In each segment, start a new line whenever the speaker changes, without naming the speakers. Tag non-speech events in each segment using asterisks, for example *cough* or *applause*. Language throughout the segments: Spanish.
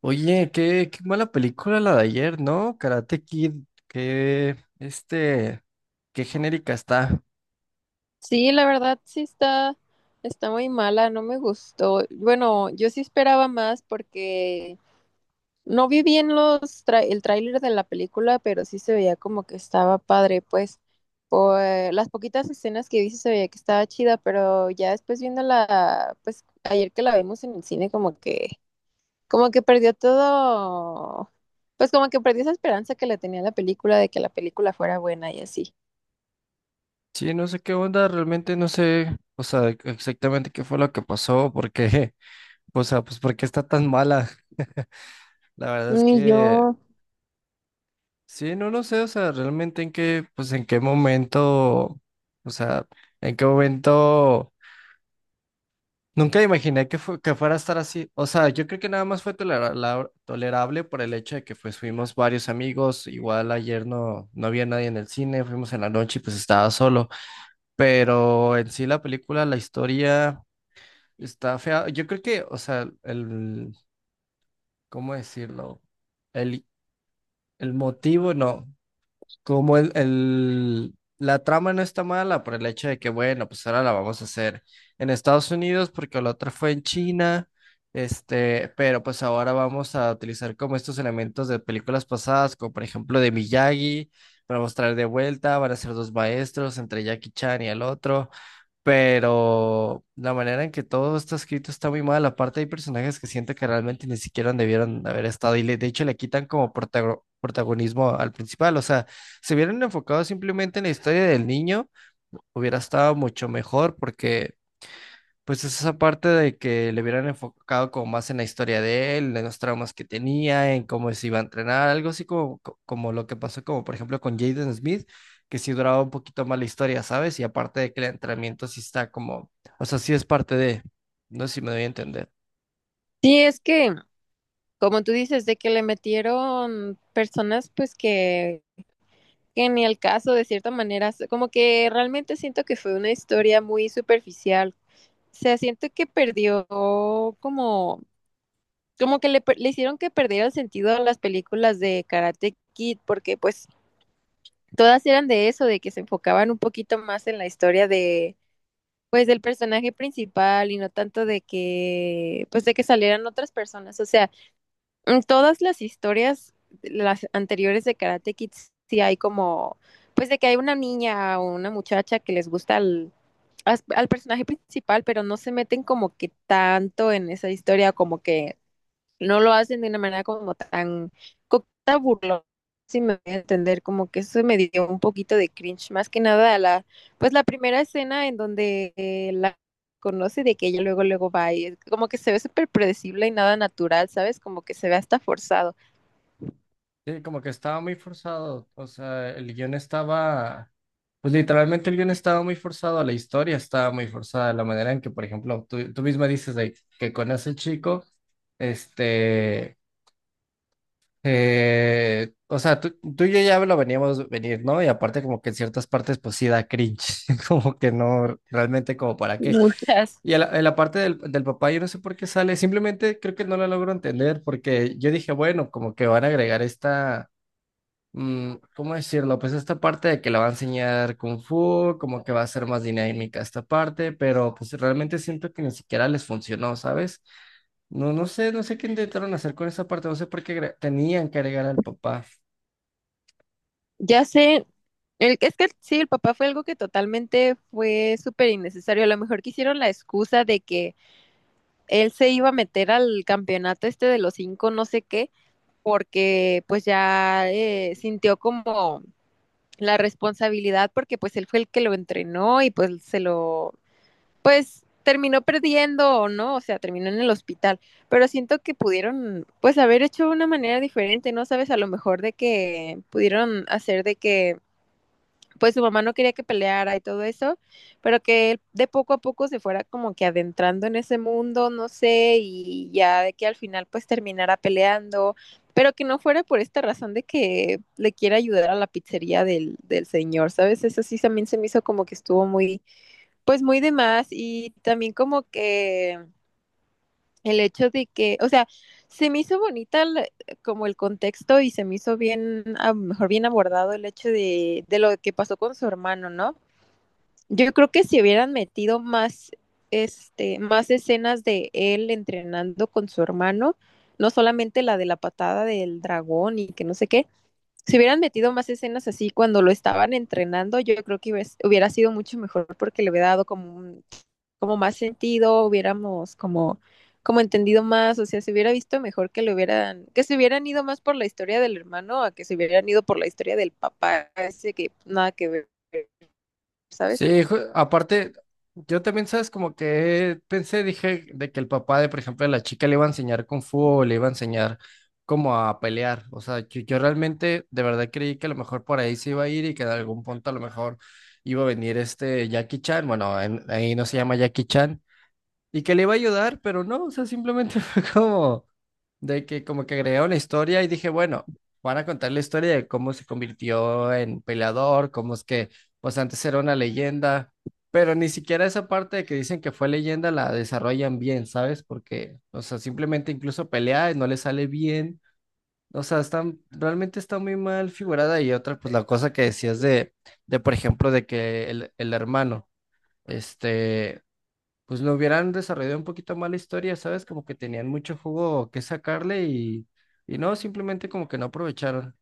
Oye, qué mala película la de ayer, ¿no? Karate Kid, qué, este, qué genérica está.
Sí, la verdad sí está muy mala, no me gustó. Bueno, yo sí esperaba más porque no vi bien el tráiler de la película, pero sí se veía como que estaba padre, pues por las poquitas escenas que vi sí se veía que estaba chida, pero ya después viéndola, pues ayer que la vimos en el cine como que perdió todo, pues como que perdió esa esperanza que le tenía a la película de que la película fuera buena y así.
Sí, no sé qué onda, realmente no sé, o sea, exactamente qué fue lo que pasó, *laughs* o sea, pues por qué está tan mala. La verdad es
Y
que,
yo,
sí, no lo sé, o sea, pues en qué momento, o sea, en qué momento. Nunca imaginé que fuera a estar así. O sea, yo creo que nada más fue tolerable por el hecho de que pues fuimos varios amigos. Igual ayer no había nadie en el cine, fuimos en la noche y pues estaba solo. Pero en sí la película, la historia está fea. Yo creo que, o sea, ¿cómo decirlo? El, el motivo, no. Como la trama no está mala por el hecho de que, bueno, pues ahora la vamos a hacer en Estados Unidos porque la otra fue en China, este, pero pues ahora vamos a utilizar como estos elementos de películas pasadas, como por ejemplo de Miyagi, para mostrar de vuelta, van a ser dos maestros entre Jackie Chan y el otro, pero la manera en que todo está escrito está muy mal. Aparte hay personajes que siento que realmente ni siquiera debieron haber estado y de hecho le quitan como protagonismo al principal. O sea, se hubieran enfocado simplemente en la historia del niño, hubiera estado mucho mejor porque... Pues esa parte de que le hubieran enfocado como más en la historia de él, en los traumas que tenía, en cómo se iba a entrenar, algo así como, co- como lo que pasó como por ejemplo con Jaden Smith, que sí duraba un poquito más la historia, ¿sabes? Y aparte de que el entrenamiento sí está como, o sea, sí es parte de, no sé si me doy a entender.
sí, es que como tú dices, de que le metieron personas pues que ni el caso de cierta manera, como que realmente siento que fue una historia muy superficial. O sea, siento que perdió como, como que le hicieron que perdiera el sentido a las películas de Karate Kid, porque pues todas eran de eso, de que se enfocaban un poquito más en la historia de, pues del personaje principal y no tanto de que salieran otras personas. O sea, en todas las historias, las anteriores de Karate Kids, sí hay como, pues de que hay una niña o una muchacha que les gusta al, al personaje principal, pero no se meten como que tanto en esa historia, como que no lo hacen de una manera como tan burlona, si me voy a entender, como que eso me dio un poquito de cringe, más que nada la primera escena en donde la conoce de que ella luego luego va y es como que se ve súper predecible y nada natural, ¿sabes? Como que se ve hasta forzado.
Sí, como que estaba muy forzado, o sea, el guión estaba, pues literalmente el guión estaba muy forzado, la historia estaba muy forzada, la manera en que, por ejemplo, tú misma dices de que con ese chico, este. O sea, tú y yo ya lo veníamos venir, ¿no? Y aparte como que en ciertas partes pues sí da cringe, *laughs* como que no, realmente como para qué.
Muchas.
Y a a la parte del papá yo no sé por qué sale, simplemente creo que no la logro entender porque yo dije, bueno, como que van a agregar ¿cómo decirlo? Pues esta parte de que le va a enseñar Kung Fu, como que va a ser más dinámica esta parte, pero pues realmente siento que ni siquiera les funcionó, ¿sabes? No, no sé, no sé qué intentaron hacer con esa parte, no sé por qué tenían que agregar al papá.
Ya sé, es que sí, el papá fue algo que totalmente fue súper innecesario. A lo mejor quisieron la excusa de que él se iba a meter al campeonato este de los cinco, no sé qué, porque pues ya sintió como la responsabilidad porque pues él fue el que lo entrenó y pues se lo, pues terminó perdiendo o no, o sea, terminó en el hospital, pero siento que pudieron pues haber hecho de una manera diferente, ¿no? Sabes, a lo mejor de que pudieron hacer de que pues su mamá no quería que peleara y todo eso, pero que él de poco a poco se fuera como que adentrando en ese mundo, no sé, y ya de que al final pues terminara peleando, pero que no fuera por esta razón de que le quiere ayudar a la pizzería del, del señor, ¿sabes? Eso sí también se me hizo como que estuvo muy, pues muy de más y también como que el hecho de que, o sea, se me hizo bonita como el contexto y se me hizo bien, a lo mejor bien abordado el hecho de lo que pasó con su hermano, ¿no? Yo creo que si hubieran metido más, este, más escenas de él entrenando con su hermano, no solamente la de la patada del dragón y que no sé qué, si hubieran metido más escenas así cuando lo estaban entrenando, yo creo que hubiera sido mucho mejor porque le hubiera dado como más sentido, hubiéramos como entendido más, o sea, se hubiera visto mejor que le hubieran, que se hubieran ido más por la historia del hermano a que se hubieran ido por la historia del papá, ese que nada que ver, ¿sabes?
Sí, aparte, yo también, ¿sabes? Como que pensé, dije, de que el papá de, por ejemplo, la chica le iba a enseñar Kung Fu o le iba a enseñar como a pelear. O sea, yo realmente, de verdad creí que a lo mejor por ahí se iba a ir y que en algún punto a lo mejor iba a venir este Jackie Chan. Bueno, ahí no se llama Jackie Chan. Y que le iba a ayudar, pero no, o sea, simplemente *laughs* fue como de que como que agregaron la historia y dije, bueno, van a contar la historia de cómo se convirtió en peleador, cómo es que pues antes era una leyenda, pero ni siquiera esa parte de que dicen que fue leyenda la desarrollan bien, ¿sabes? Porque, o sea, simplemente incluso pelea y no le sale bien. O sea, están, realmente está muy mal figurada y otra, pues la cosa que decías de por ejemplo, de que el hermano, este, pues lo hubieran desarrollado un poquito más la historia, ¿sabes? Como que tenían mucho jugo que sacarle y no, simplemente como que no aprovecharon.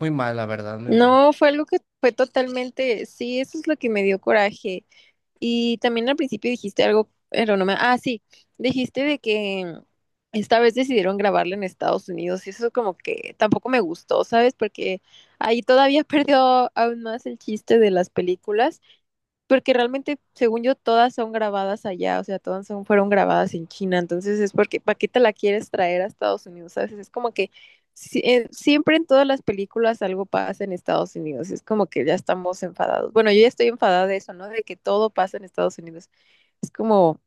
Muy mal, la verdad, muy mal.
No, fue algo que fue totalmente, sí, eso es lo que me dio coraje. Y también al principio dijiste algo, pero no me, ah, sí, dijiste de que esta vez decidieron grabarla en Estados Unidos y eso como que tampoco me gustó, ¿sabes? Porque ahí todavía *laughs* perdió aún más el chiste de las películas porque realmente, según yo, todas son grabadas allá, o sea, todas son, fueron grabadas en China, entonces es porque, ¿para qué te la quieres traer a Estados Unidos? Sabes, es como que siempre en todas las películas algo pasa en Estados Unidos, es como que ya estamos enfadados. Bueno, yo ya estoy enfadada de eso, ¿no? De que todo pasa en Estados Unidos. Es como,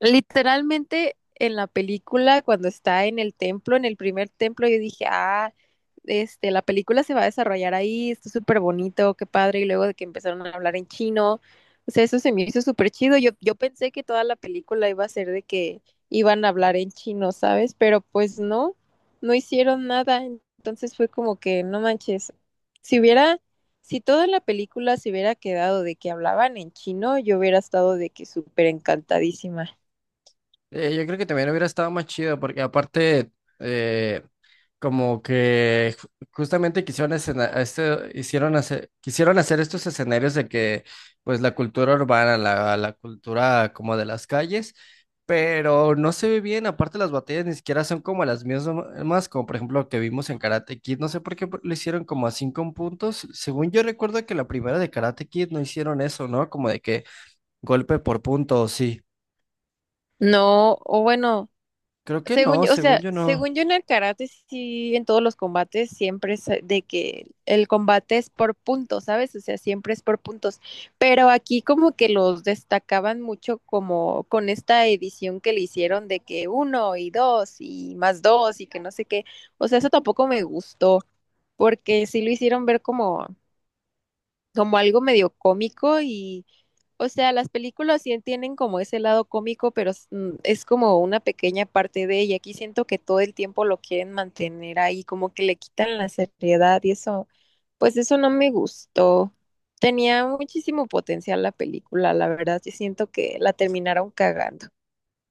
Literalmente en la película, cuando está en el templo, en el primer templo, yo dije, ah, este, la película se va a desarrollar ahí, está súper bonito, qué padre. Y luego de que empezaron a hablar en chino, o sea, eso se me hizo súper chido. Yo pensé que toda la película iba a ser de que iban a hablar en chino, ¿sabes? Pero pues no, no hicieron nada. Entonces fue como que, no manches, si hubiera, si toda la película se hubiera quedado de que hablaban en chino, yo hubiera estado de que súper encantadísima.
Yo creo que también hubiera estado más chido porque aparte, eh, como que justamente quisieron hicieron hacer, quisieron hacer estos escenarios de que pues la cultura urbana, la cultura como de las calles, pero no se ve bien, aparte las batallas ni siquiera son como las mismas, como por ejemplo que vimos en Karate Kid, no sé por qué lo hicieron como a 5 puntos, según yo recuerdo que la primera de Karate Kid no hicieron eso, ¿no? Como de que golpe por punto, sí,
No, o bueno,
creo que
según
no,
yo, o
según
sea,
yo no.
según yo en el karate, sí, en todos los combates siempre es de que el combate es por puntos, ¿sabes? O sea, siempre es por puntos. Pero aquí como que los destacaban mucho como con esta edición que le hicieron de que uno y dos y más dos y que no sé qué. O sea, eso tampoco me gustó, porque sí lo hicieron ver como como algo medio cómico y, o sea, las películas sí tienen como ese lado cómico, pero es es como una pequeña parte de ella. Aquí siento que todo el tiempo lo quieren mantener ahí, como que le quitan la seriedad y eso, pues eso no me gustó. Tenía muchísimo potencial la película, la verdad, yo siento que la terminaron cagando.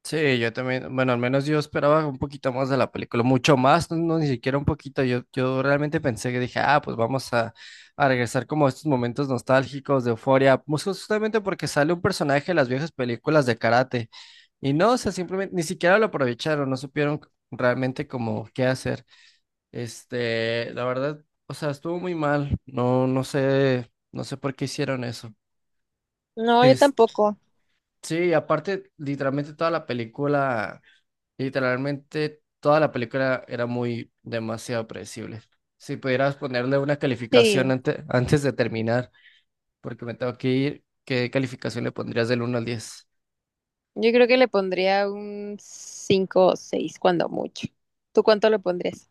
Sí, yo también, bueno, al menos yo esperaba un poquito más de la película, mucho más, no, no, ni siquiera un poquito, yo realmente pensé que dije, ah, pues vamos a regresar como a estos momentos nostálgicos de euforia, pues justamente porque sale un personaje de las viejas películas de karate, y no, o sea, simplemente, ni siquiera lo aprovecharon, no supieron realmente como qué hacer, este, la verdad, o sea, estuvo muy mal, no, no sé, no sé por qué hicieron eso,
No, yo
este,
tampoco.
sí, aparte, literalmente toda la película... Literalmente toda la película era muy demasiado predecible. Si pudieras ponerle una calificación
Sí,
antes de terminar, porque me tengo que ir, ¿qué calificación le pondrías del 1 al 10?
yo creo que le pondría un 5 o 6 cuando mucho. ¿Tú cuánto le pondrías?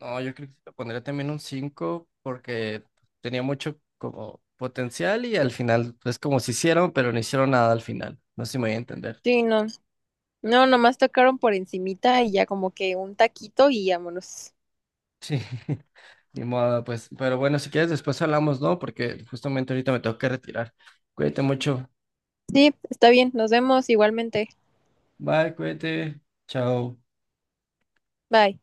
No, yo creo que le pondría también un 5 porque tenía mucho como potencial y al final es como si hicieron, pero no hicieron nada al final. No sé si me voy a entender.
Sí, no. No, nomás tocaron por encimita y ya como que un taquito y vámonos.
Sí, *laughs* ni modo, pues. Pero bueno, si quieres después hablamos, ¿no? Porque justamente ahorita me tengo que retirar. Cuídate mucho.
Sí, está bien, nos vemos igualmente.
Bye, cuídate. Chao.
Bye.